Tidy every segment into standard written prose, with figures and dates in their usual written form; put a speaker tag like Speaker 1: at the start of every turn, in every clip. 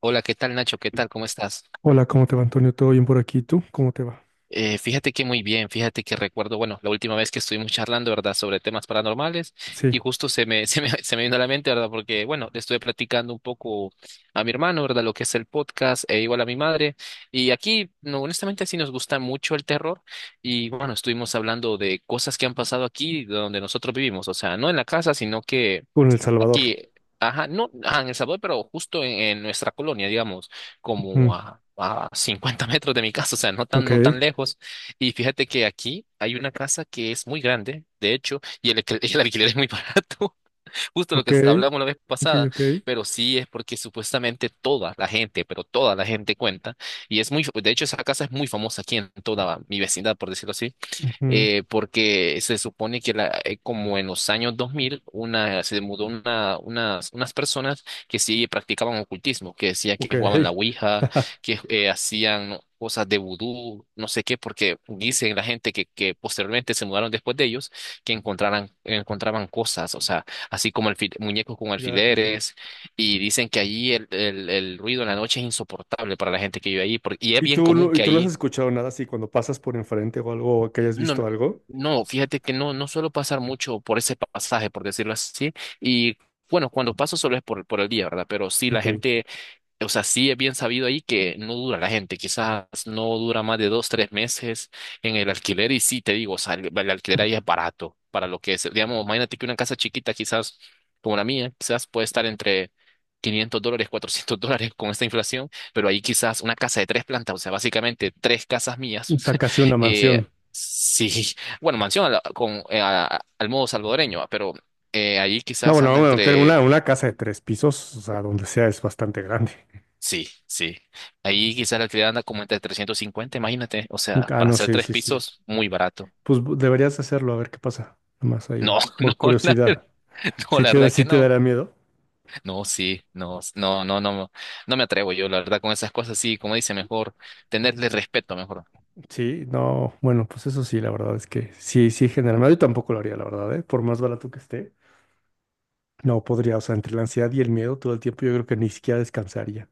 Speaker 1: Hola, ¿qué tal Nacho? ¿Qué tal? ¿Cómo estás?
Speaker 2: Hola, ¿cómo te va, Antonio? ¿Todo bien por aquí? ¿Tú? ¿Cómo te va?
Speaker 1: Fíjate que muy bien, fíjate que recuerdo, bueno, la última vez que estuvimos charlando, ¿verdad?, sobre temas paranormales
Speaker 2: Sí,
Speaker 1: y justo se me vino a la mente, ¿verdad?, porque, bueno, le estuve platicando un poco a mi hermano, ¿verdad?, lo que es el podcast e igual a mi madre y aquí, no, honestamente, sí nos gusta mucho el terror y, bueno, estuvimos hablando de cosas que han pasado aquí donde nosotros vivimos, o sea, no en la casa, sino que
Speaker 2: con El Salvador.
Speaker 1: aquí, ajá, no, ajá, en El Salvador, pero justo en nuestra colonia, digamos, como
Speaker 2: Ujú.
Speaker 1: a 50 metros de mi casa, o sea, no tan,
Speaker 2: Ok,
Speaker 1: no tan lejos. Y fíjate que aquí hay una casa que es muy grande, de hecho, y el alquiler es muy barato, justo lo
Speaker 2: ok,
Speaker 1: que hablamos la vez
Speaker 2: ok,
Speaker 1: pasada,
Speaker 2: ok.
Speaker 1: pero sí es porque supuestamente toda la gente, pero toda la gente cuenta, y es muy, de hecho, esa casa es muy famosa aquí en toda mi vecindad, por decirlo así.
Speaker 2: Ujú.
Speaker 1: Porque se supone que como en los años 2000 se mudó unas personas que sí practicaban ocultismo, que decía
Speaker 2: Ok.
Speaker 1: que jugaban la ouija, que hacían cosas de vudú, no sé qué, porque dicen la gente que posteriormente se mudaron después de ellos, que encontraban cosas, o sea, así como muñecos con
Speaker 2: Ya.
Speaker 1: alfileres, y dicen que allí el ruido en la noche es insoportable para la gente que vive allí, porque, y es bien común
Speaker 2: Y
Speaker 1: que
Speaker 2: tú no has
Speaker 1: allí
Speaker 2: escuchado nada así cuando pasas por enfrente o algo, o que hayas
Speaker 1: no,
Speaker 2: visto
Speaker 1: no,
Speaker 2: algo?
Speaker 1: no, fíjate que no suelo pasar mucho por ese pasaje, por decirlo así, y bueno, cuando paso solo es por el día, ¿verdad? Pero sí, la
Speaker 2: Ok.
Speaker 1: gente, o sea, sí es bien sabido ahí que no dura la gente, quizás no dura más de dos, tres meses en el alquiler, y sí, te digo, o sea, el alquiler ahí es barato para lo que es, digamos, imagínate que una casa chiquita, quizás como la mía, quizás puede estar entre $500, $400 con esta inflación, pero ahí quizás una casa de tres plantas, o sea, básicamente tres casas mías.
Speaker 2: O sea, casi una
Speaker 1: eh,
Speaker 2: mansión.
Speaker 1: sí, bueno, mansión a la- con, a- al modo salvadoreño, va, pero ahí
Speaker 2: No,
Speaker 1: quizás
Speaker 2: bueno,
Speaker 1: anda
Speaker 2: bueno, tengo una,
Speaker 1: entre.
Speaker 2: una casa de tres pisos, o sea, donde sea es bastante grande.
Speaker 1: Sí, sí. Ahí quizás la alquiler anda como entre 350 imagínate. O sea,
Speaker 2: Ah,
Speaker 1: para
Speaker 2: no,
Speaker 1: hacer
Speaker 2: sí,
Speaker 1: tres
Speaker 2: sí, sí.
Speaker 1: pisos, muy barato.
Speaker 2: Pues bu- deberías hacerlo, a ver qué pasa. Nomás ahí,
Speaker 1: No, no,
Speaker 2: por
Speaker 1: la, ver-
Speaker 2: curiosidad.
Speaker 1: no,
Speaker 2: ¿Sí
Speaker 1: la
Speaker 2: te, da-
Speaker 1: verdad que
Speaker 2: sí te
Speaker 1: no.
Speaker 2: dará miedo?
Speaker 1: No, sí, no, no, no, no, no me atrevo yo, la verdad, con esas cosas, sí, como dice, mejor tenerle respeto, mejor.
Speaker 2: Sí, no, bueno, pues eso sí, la verdad es que sí, sí, generalmente yo tampoco lo haría, la verdad, ¿eh? Por más barato que esté, no podría, o sea, entre la ansiedad y el miedo todo el tiempo yo creo que ni siquiera descansaría.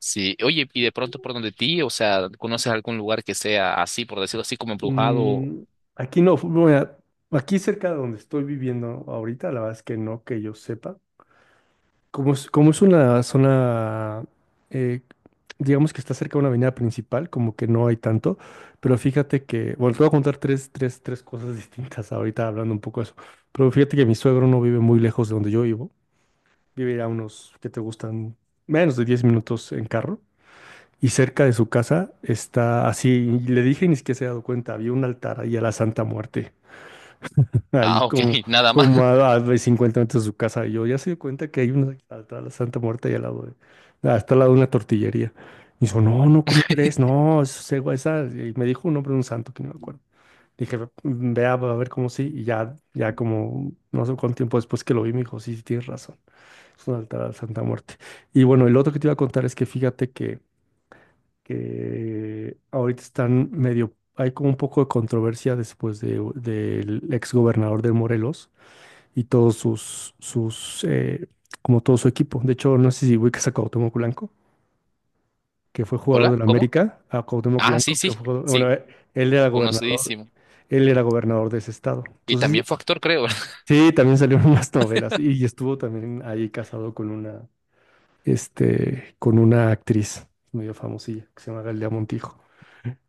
Speaker 1: Sí, oye, y de pronto por donde ti, o sea, ¿conoces algún lugar que sea así, por decirlo así, como embrujado?
Speaker 2: Mm, aquí no, fu- bueno, aquí cerca de donde estoy viviendo ahorita, la verdad es que no, que yo sepa. Como es una zona, eh, digamos que está cerca de una avenida principal, como que no hay tanto, pero fíjate que, bueno, te voy a contar tres cosas distintas ahorita hablando un poco de eso, pero fíjate que mi suegro no vive muy lejos de donde yo vivo, vive a unos que te gustan menos de 10 minutos en carro, y cerca de su casa está así, y le dije y ni siquiera se ha dado cuenta, había un altar ahí a la Santa Muerte ahí
Speaker 1: Ah, ok,
Speaker 2: como,
Speaker 1: nada más.
Speaker 2: como a 50 metros de su casa. Y yo ya se dio cuenta que hay una atrás de la Santa Muerte y al lado de, hasta al lado de una tortillería. Y dijo, no, no, ¿cómo crees? No, eso es ego, esa. Y me dijo un nombre de un santo que no me acuerdo. Dije, "Mm, vea, a ver cómo sí". Y ya, ya como no sé cuánto tiempo después que lo vi, me dijo, sí, sí, tienes razón. Es un altar a la Santa Muerte. Y bueno, el otro que te iba a contar es que fíjate que ahorita están medio, hay como un poco de controversia después del ex gobernador de Morelos y todos sus, sus como todo su equipo. De hecho, no sé si ubicas a Cuauhtémoc Blanco, que fue jugador
Speaker 1: Hola,
Speaker 2: de la
Speaker 1: ¿cómo?
Speaker 2: América, a Cuauhtémoc
Speaker 1: Ah, sí,
Speaker 2: Blanco, que
Speaker 1: sí,
Speaker 2: fue jugador-
Speaker 1: sí,
Speaker 2: bueno, él era gobernador,
Speaker 1: conocidísimo.
Speaker 2: él era gobernador de ese estado.
Speaker 1: Y
Speaker 2: Entonces,
Speaker 1: también fue actor, creo.
Speaker 2: sí, también salieron unas novelas y estuvo también ahí casado con con una actriz medio famosilla que se llama Galilea Montijo.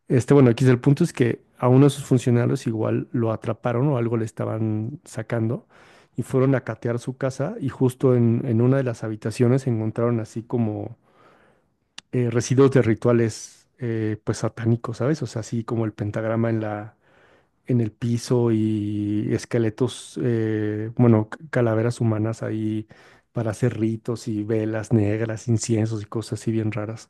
Speaker 2: Este, bueno, aquí el punto es que a uno de sus funcionarios igual lo atraparon o algo le estaban sacando y fueron a catear su casa y justo en una de las habitaciones encontraron así como residuos de rituales pues satánicos, ¿sabes? O sea, así como el pentagrama en el piso y esqueletos, bueno, c- calaveras humanas ahí para hacer ritos y velas negras, inciensos y cosas así bien raras.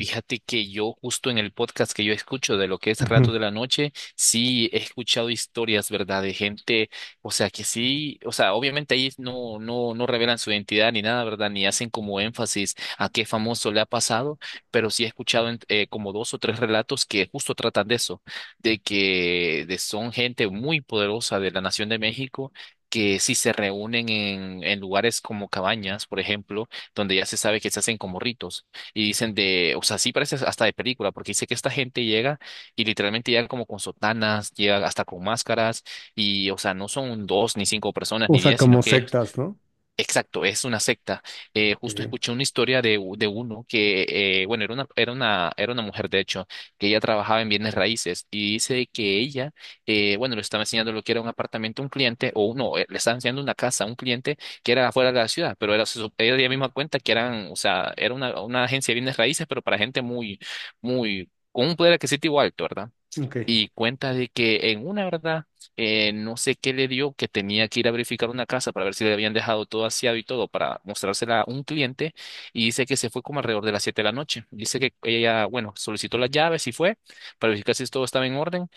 Speaker 1: Fíjate que yo justo en el podcast que yo escucho de lo que es
Speaker 2: Ujú.
Speaker 1: Rato de la Noche, sí he escuchado historias, ¿verdad? De gente, o sea, que sí, o sea, obviamente ahí no revelan su identidad ni nada, ¿verdad? Ni hacen como énfasis a qué famoso le ha pasado, pero sí he escuchado como dos o tres relatos que justo tratan de eso, de que son gente muy poderosa de la Nación de México. Que sí se reúnen en lugares como cabañas, por ejemplo, donde ya se sabe que se hacen como ritos. Y dicen de, o sea, sí parece hasta de película, porque dice que esta gente llega y literalmente llega como con sotanas, llega hasta con máscaras, y, o sea, no son dos, ni cinco personas,
Speaker 2: O
Speaker 1: ni
Speaker 2: sea,
Speaker 1: 10, sino
Speaker 2: como
Speaker 1: que
Speaker 2: sectas, ¿no?
Speaker 1: exacto, es una secta. Justo
Speaker 2: Ok.
Speaker 1: escuché una historia de, de uno que, bueno, era una mujer, de hecho, que ella trabajaba en bienes raíces y dice que ella, bueno, le estaba enseñando lo que era un apartamento a un cliente, o no, le estaba enseñando una casa a un cliente que era afuera de la ciudad, pero ella misma cuenta que eran, o sea, era una agencia de bienes raíces, pero para gente muy, muy, con un poder adquisitivo alto, ¿verdad?
Speaker 2: Ok.
Speaker 1: Y cuenta de que en una, ¿verdad? No sé qué le dio, que tenía que ir a verificar una casa para ver si le habían dejado todo aseado y todo para mostrársela a un cliente y dice que se fue como alrededor de las 7 de la noche. Dice que ella, bueno, solicitó las llaves y fue para verificar si todo estaba en orden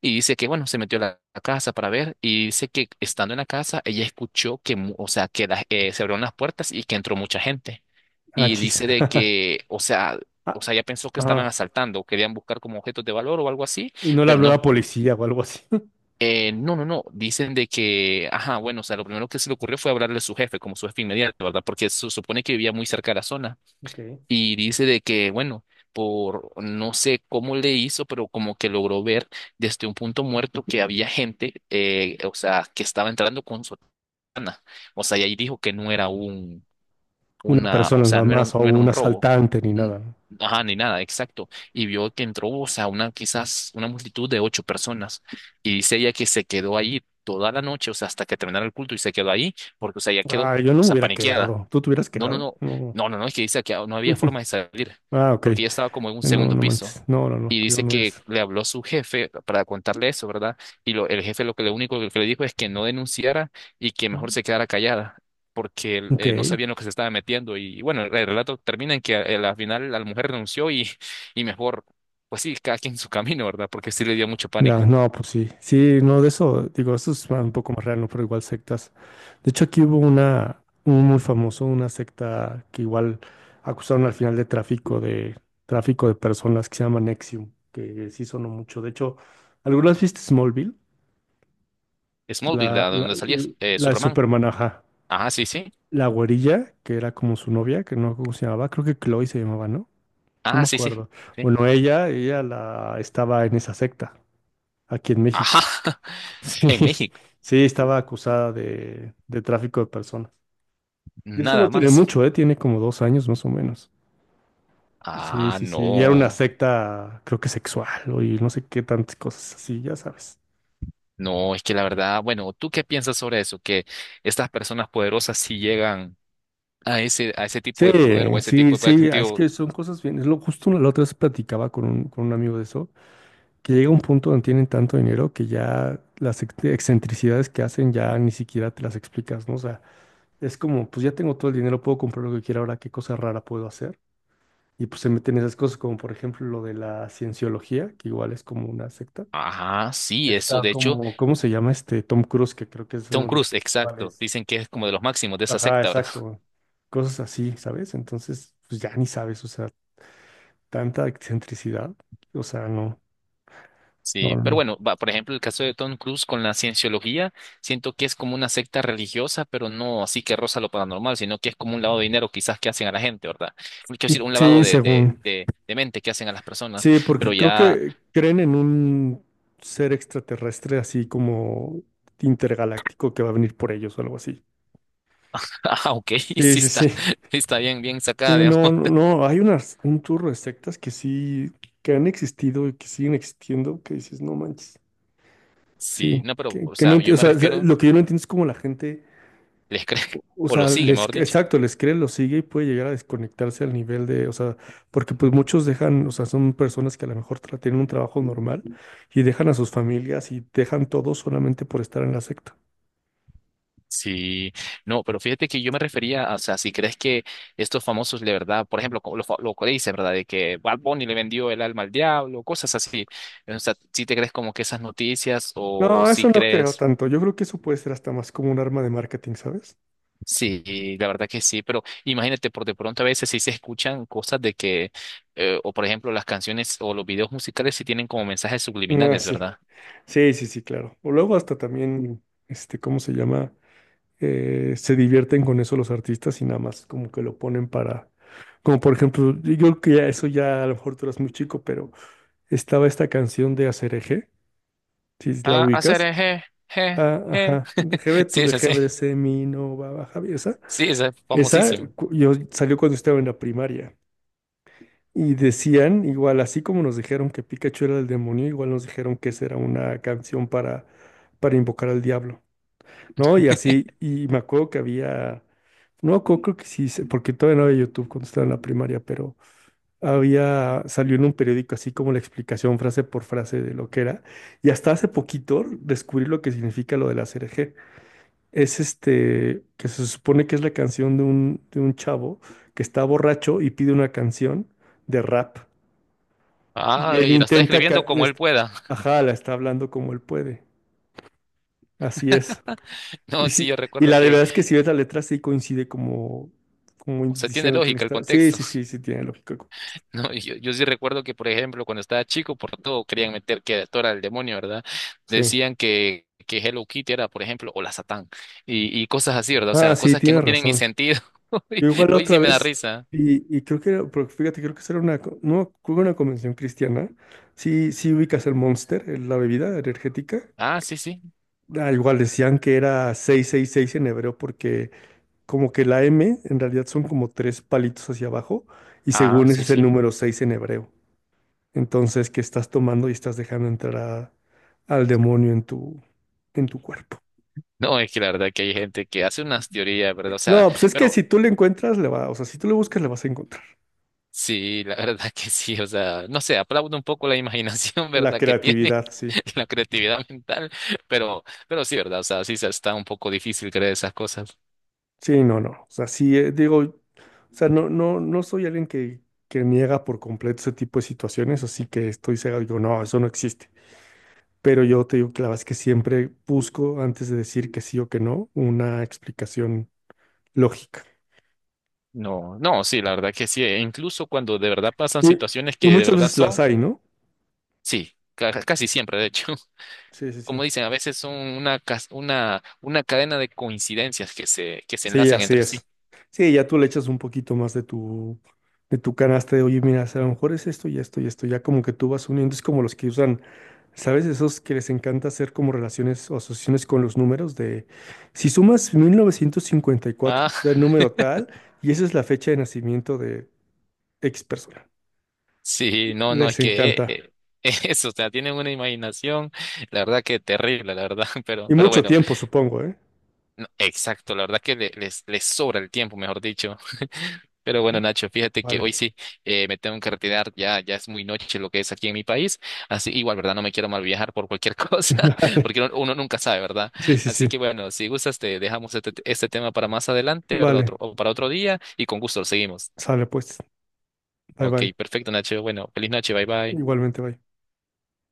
Speaker 1: y dice que, bueno, se metió a la casa para ver y dice que estando en la casa ella escuchó que, mu- o sea, que la- se abrieron las puertas y que entró mucha gente
Speaker 2: Ah,
Speaker 1: y
Speaker 2: chis.
Speaker 1: dice de que, o sea,
Speaker 2: Ah,
Speaker 1: ya pensó que estaban
Speaker 2: ah.
Speaker 1: asaltando, querían buscar como objetos de valor o algo así,
Speaker 2: Y no le
Speaker 1: pero
Speaker 2: habló
Speaker 1: no,
Speaker 2: la policía o algo así.
Speaker 1: no, no, no, dicen de que, ajá, bueno, o sea, lo primero que se le ocurrió fue hablarle a su jefe, como su jefe inmediato, ¿verdad? Porque se supone que vivía muy cerca de la zona,
Speaker 2: Ok.
Speaker 1: y dice de que, bueno, por no sé cómo le hizo, pero como que logró ver desde un punto muerto que había gente, o sea, que estaba entrando con sotana, o sea, y ahí dijo que no era
Speaker 2: Una
Speaker 1: o
Speaker 2: persona
Speaker 1: sea,
Speaker 2: nada más o
Speaker 1: no era un
Speaker 2: un
Speaker 1: robo,
Speaker 2: asaltante ni
Speaker 1: mm,
Speaker 2: nada, ¿no?
Speaker 1: ajá, ni nada, exacto. Y vio que entró, o sea, una, quizás una multitud de ocho personas. Y dice ella que se quedó ahí toda la noche, o sea, hasta que terminara el culto y se quedó ahí, porque, o sea, ella quedó, o
Speaker 2: Ah, yo no me
Speaker 1: sea,
Speaker 2: hubiera
Speaker 1: paniqueada.
Speaker 2: quedado. ¿Tú te hubieras
Speaker 1: No, no,
Speaker 2: quedado?
Speaker 1: no,
Speaker 2: No.
Speaker 1: no, no, no, es que dice que no había forma de salir,
Speaker 2: Ah, ok.
Speaker 1: porque ella estaba como en un
Speaker 2: No,
Speaker 1: segundo
Speaker 2: no
Speaker 1: piso.
Speaker 2: manches. No, no, no.
Speaker 1: Y
Speaker 2: Yo
Speaker 1: dice
Speaker 2: no hubiera.
Speaker 1: que le habló su jefe para contarle eso, ¿verdad? Y el jefe lo que lo único que le dijo es que no denunciara y que mejor se quedara callada, porque
Speaker 2: Ok.
Speaker 1: no sabía lo que se estaba metiendo. Y, bueno, el relato termina en que al final la mujer renunció y mejor, pues sí, cada quien su camino, ¿verdad? Porque sí le dio mucho
Speaker 2: Ya,
Speaker 1: pánico.
Speaker 2: no, pues sí. Sí, no, de eso, digo, eso es un poco más real, ¿no? Pero igual sectas. De hecho, aquí hubo una, un muy famoso, una secta que igual acusaron al final de tráfico de personas que se llama Nexium, que sí sonó mucho. De hecho, ¿algunas viste Smallville?
Speaker 1: Smallville,
Speaker 2: La,
Speaker 1: ¿a
Speaker 2: la,
Speaker 1: donde salía
Speaker 2: la de
Speaker 1: Superman.
Speaker 2: Superman, ajá.
Speaker 1: Ajá, sí, sí.
Speaker 2: La güerilla, que era como su novia, que no me acuerdo cómo se llamaba, creo que Chloe se llamaba, ¿no? No
Speaker 1: Ajá,
Speaker 2: me
Speaker 1: sí, sí.
Speaker 2: acuerdo.
Speaker 1: Sí.
Speaker 2: Bueno, ella la estaba en esa secta, aquí en
Speaker 1: Ajá.
Speaker 2: México. Sí,
Speaker 1: En México.
Speaker 2: sí, estaba acusada de tráfico de personas. Y eso no
Speaker 1: Nada
Speaker 2: tiene
Speaker 1: más.
Speaker 2: mucho, ¿eh? Tiene como 2 años más o menos. Sí,
Speaker 1: Ah,
Speaker 2: sí, sí. Y era una
Speaker 1: no.
Speaker 2: secta, creo que sexual, o y no sé qué tantas cosas así, ya sabes.
Speaker 1: No, es que la verdad, bueno, ¿tú qué piensas sobre eso? Que estas personas poderosas sí llegan a ese tipo
Speaker 2: Sí,
Speaker 1: de poder o a ese
Speaker 2: sí,
Speaker 1: tipo de poder
Speaker 2: sí, ah, es
Speaker 1: adquisitivo.
Speaker 2: que son cosas bien. Es lo justo la otra vez platicaba con un amigo de eso, que llega un punto donde tienen tanto dinero que ya las excentricidades que hacen ya ni siquiera te las explicas, ¿no? O sea, es como, pues ya tengo todo el dinero, puedo comprar lo que quiera ahora, qué cosa rara puedo hacer. Y pues se meten esas cosas como por ejemplo lo de la cienciología, que igual es como una secta.
Speaker 1: Ajá, sí, eso.
Speaker 2: Está
Speaker 1: De hecho,
Speaker 2: como, ¿cómo se llama este Tom Cruise? Que creo que es uno
Speaker 1: Tom
Speaker 2: de los
Speaker 1: Cruise, exacto.
Speaker 2: principales.
Speaker 1: Dicen que es como de los máximos de esa
Speaker 2: Ajá,
Speaker 1: secta, ¿verdad?
Speaker 2: exacto. Cosas así, ¿sabes? Entonces, pues ya ni sabes, o sea, tanta excentricidad. O sea, no, no,
Speaker 1: Sí,
Speaker 2: no,
Speaker 1: pero
Speaker 2: no.
Speaker 1: bueno, va, por ejemplo, el caso de Tom Cruise con la cienciología, siento que es como una secta religiosa, pero no así que roza lo paranormal, sino que es como un lavado de dinero quizás que hacen a la gente, ¿verdad? Quiero decir, un lavado
Speaker 2: Sí, según.
Speaker 1: de mente que hacen a las personas,
Speaker 2: Sí,
Speaker 1: pero
Speaker 2: porque creo
Speaker 1: ya.
Speaker 2: que creen en un ser extraterrestre así como intergaláctico que va a venir por ellos o algo así.
Speaker 1: Ah, ok,
Speaker 2: Sí,
Speaker 1: sí
Speaker 2: sí,
Speaker 1: está,
Speaker 2: sí.
Speaker 1: sí está bien, bien sacada,
Speaker 2: Sí,
Speaker 1: digamos.
Speaker 2: no, no, no, hay unas, un churro de sectas que sí, que han existido y que siguen existiendo, que dices, no manches.
Speaker 1: Sí,
Speaker 2: Sí,
Speaker 1: no, pero, o
Speaker 2: que no
Speaker 1: sea,
Speaker 2: enti-
Speaker 1: yo
Speaker 2: o
Speaker 1: me
Speaker 2: sea,
Speaker 1: refiero,
Speaker 2: lo que yo no entiendo es cómo la gente,
Speaker 1: les crees, o lo sigue, mejor dicho.
Speaker 2: exacto, les cree, lo sigue y puede llegar a desconectarse al nivel de, o sea, porque pues muchos dejan, o sea, son personas que a lo mejor tra- tienen un trabajo normal y dejan a sus familias y dejan todo solamente por estar en la secta.
Speaker 1: Sí, no, pero fíjate que yo me refería, a, o sea, si crees que estos famosos de verdad, por ejemplo, como lo, lo que dice, ¿verdad? De que Bad Bunny le vendió el alma al diablo, cosas así. O sea, si te crees como que esas noticias o
Speaker 2: No,
Speaker 1: si
Speaker 2: eso no creo
Speaker 1: crees,
Speaker 2: tanto. Yo creo que eso puede ser hasta más como un arma de marketing, ¿sabes?
Speaker 1: sí, la verdad que sí, pero imagínate, por de pronto a veces sí se escuchan cosas de que, o por ejemplo, las canciones o los videos musicales sí tienen como mensajes
Speaker 2: Ah,
Speaker 1: subliminales,
Speaker 2: sí.
Speaker 1: ¿verdad?
Speaker 2: Sí, sí, sí, claro. O luego hasta también, este, ¿cómo se llama? Se divierten con eso los artistas y nada más como que lo ponen para, como por ejemplo, yo creo que ya eso ya a lo mejor tú eras muy chico, pero estaba esta canción de Aserejé, si la
Speaker 1: A hacer
Speaker 2: ubicas.
Speaker 1: eje, je,
Speaker 2: Ah,
Speaker 1: je.
Speaker 2: ajá, Jebe
Speaker 1: Sí,
Speaker 2: tu de
Speaker 1: esa sí.
Speaker 2: Jebe de Semi, no va a Javier, esa,
Speaker 1: Sí, esa es
Speaker 2: esa
Speaker 1: famosísima.
Speaker 2: cu- yo salió cuando estaba en la primaria. Y decían, igual así como nos dijeron que Pikachu era el demonio, igual nos dijeron que esa era una canción para invocar al diablo, ¿no? Y así, y me acuerdo que había... No, creo, creo que sí, sé, porque todavía no había YouTube cuando estaba en la primaria, pero había, salió en un periódico así como la explicación frase por frase de lo que era. Y hasta hace poquito descubrí lo que significa lo de la CRG. Es este, que se supone que es la canción de un chavo que está borracho y pide una canción de rap. Y
Speaker 1: Ah,
Speaker 2: él
Speaker 1: y la está
Speaker 2: intenta,
Speaker 1: escribiendo
Speaker 2: ca-
Speaker 1: como él
Speaker 2: este,
Speaker 1: pueda.
Speaker 2: ajá, la está hablando como él puede. Así es.
Speaker 1: No,
Speaker 2: Y
Speaker 1: sí, yo
Speaker 2: sí, y
Speaker 1: recuerdo
Speaker 2: la
Speaker 1: que,
Speaker 2: verdad es que si ves la letra sí coincide como, como
Speaker 1: o sea, tiene
Speaker 2: diciendo que le
Speaker 1: lógica el
Speaker 2: está. Sí,
Speaker 1: contexto.
Speaker 2: sí, sí, sí, tiene lógica el contexto.
Speaker 1: No, y yo sí recuerdo que, por ejemplo, cuando estaba chico, por todo querían meter que era Dora del demonio, ¿verdad?
Speaker 2: Sí.
Speaker 1: Decían que Hello Kitty era, por ejemplo, o la Satán. Y cosas así, ¿verdad? O
Speaker 2: Ah,
Speaker 1: sea,
Speaker 2: sí,
Speaker 1: cosas que no
Speaker 2: tienes
Speaker 1: tienen ni
Speaker 2: razón.
Speaker 1: sentido. Hoy,
Speaker 2: Yo igual la
Speaker 1: hoy
Speaker 2: otra
Speaker 1: sí me da
Speaker 2: vez,
Speaker 1: risa.
Speaker 2: y creo que era, porque fíjate, creo que esa era una, co- no, creo que una convención cristiana. Sí, sí ubicas el Monster, la bebida energética.
Speaker 1: Ah, sí, sí.
Speaker 2: Ah, igual decían que era 666 en hebreo porque como que la M en realidad son como tres palitos hacia abajo y
Speaker 1: Ah,
Speaker 2: según ese
Speaker 1: sí,
Speaker 2: es el
Speaker 1: sí.
Speaker 2: número 6 en hebreo. Entonces, que estás tomando y estás dejando entrar al demonio en tu cuerpo.
Speaker 1: No, es que la verdad que hay gente que hace unas teorías, ¿verdad? O sea,
Speaker 2: No, pues es que
Speaker 1: pero
Speaker 2: si tú le encuentras, le va, o sea, si tú le buscas, le vas a encontrar.
Speaker 1: sí, la verdad que sí, o sea, no sé, aplaudo un poco la imaginación,
Speaker 2: La
Speaker 1: ¿verdad? Que tiene
Speaker 2: creatividad, sí.
Speaker 1: la creatividad mental, pero, pero sí, ¿verdad? O sea, sí está un poco difícil creer esas cosas.
Speaker 2: Sí, no, no. O sea, sí, digo, o sea, no, no, no soy alguien que niega por completo ese tipo de situaciones, así que estoy cegado y digo, no, eso no existe. Pero yo te digo que la verdad es que siempre busco, antes de decir que sí o que no, una explicación lógica.
Speaker 1: No, no, sí, la verdad que sí, e incluso cuando de verdad pasan
Speaker 2: Y,
Speaker 1: situaciones
Speaker 2: y
Speaker 1: que de
Speaker 2: muchas
Speaker 1: verdad
Speaker 2: veces las
Speaker 1: son,
Speaker 2: hay, ¿no?
Speaker 1: sí, casi siempre, de hecho,
Speaker 2: Sí, sí, sí.
Speaker 1: como dicen, a veces son una, una cadena de coincidencias que se
Speaker 2: Sí,
Speaker 1: enlazan
Speaker 2: así
Speaker 1: entre sí.
Speaker 2: es. Sí, ya tú le echas un poquito más de tu canasta de, oye, mira, si a lo mejor es esto y esto y esto, ya como que tú vas uniendo, es como los que usan, ¿sabes? Esos que les encanta hacer como relaciones o asociaciones con los números de, si sumas 1954
Speaker 1: Ah.
Speaker 2: del número tal, y esa es la fecha de nacimiento de X persona.
Speaker 1: Sí, no, no, es
Speaker 2: Les
Speaker 1: que
Speaker 2: encanta.
Speaker 1: eso, o sea, tienen una imaginación, la verdad que terrible, la verdad, pero,
Speaker 2: Y
Speaker 1: pero
Speaker 2: mucho
Speaker 1: bueno,
Speaker 2: tiempo, supongo, ¿eh?
Speaker 1: no, exacto, la verdad que les sobra el tiempo, mejor dicho. Pero bueno, Nacho, fíjate que hoy
Speaker 2: Vale.
Speaker 1: sí me tengo que retirar, ya, ya es muy noche lo que es aquí en mi país, así igual, ¿verdad? No me quiero mal viajar por cualquier cosa,
Speaker 2: Vale.
Speaker 1: porque uno nunca sabe, ¿verdad?
Speaker 2: Sí, sí,
Speaker 1: Así
Speaker 2: sí.
Speaker 1: que bueno, si gustas, te dejamos este tema para más adelante, ¿verdad? Otro,
Speaker 2: Vale.
Speaker 1: o para otro día y con gusto lo seguimos.
Speaker 2: Sale pues. Bye,
Speaker 1: Ok,
Speaker 2: bye.
Speaker 1: perfecto, Nacho. Bueno, feliz noche, bye bye.
Speaker 2: Igualmente, bye.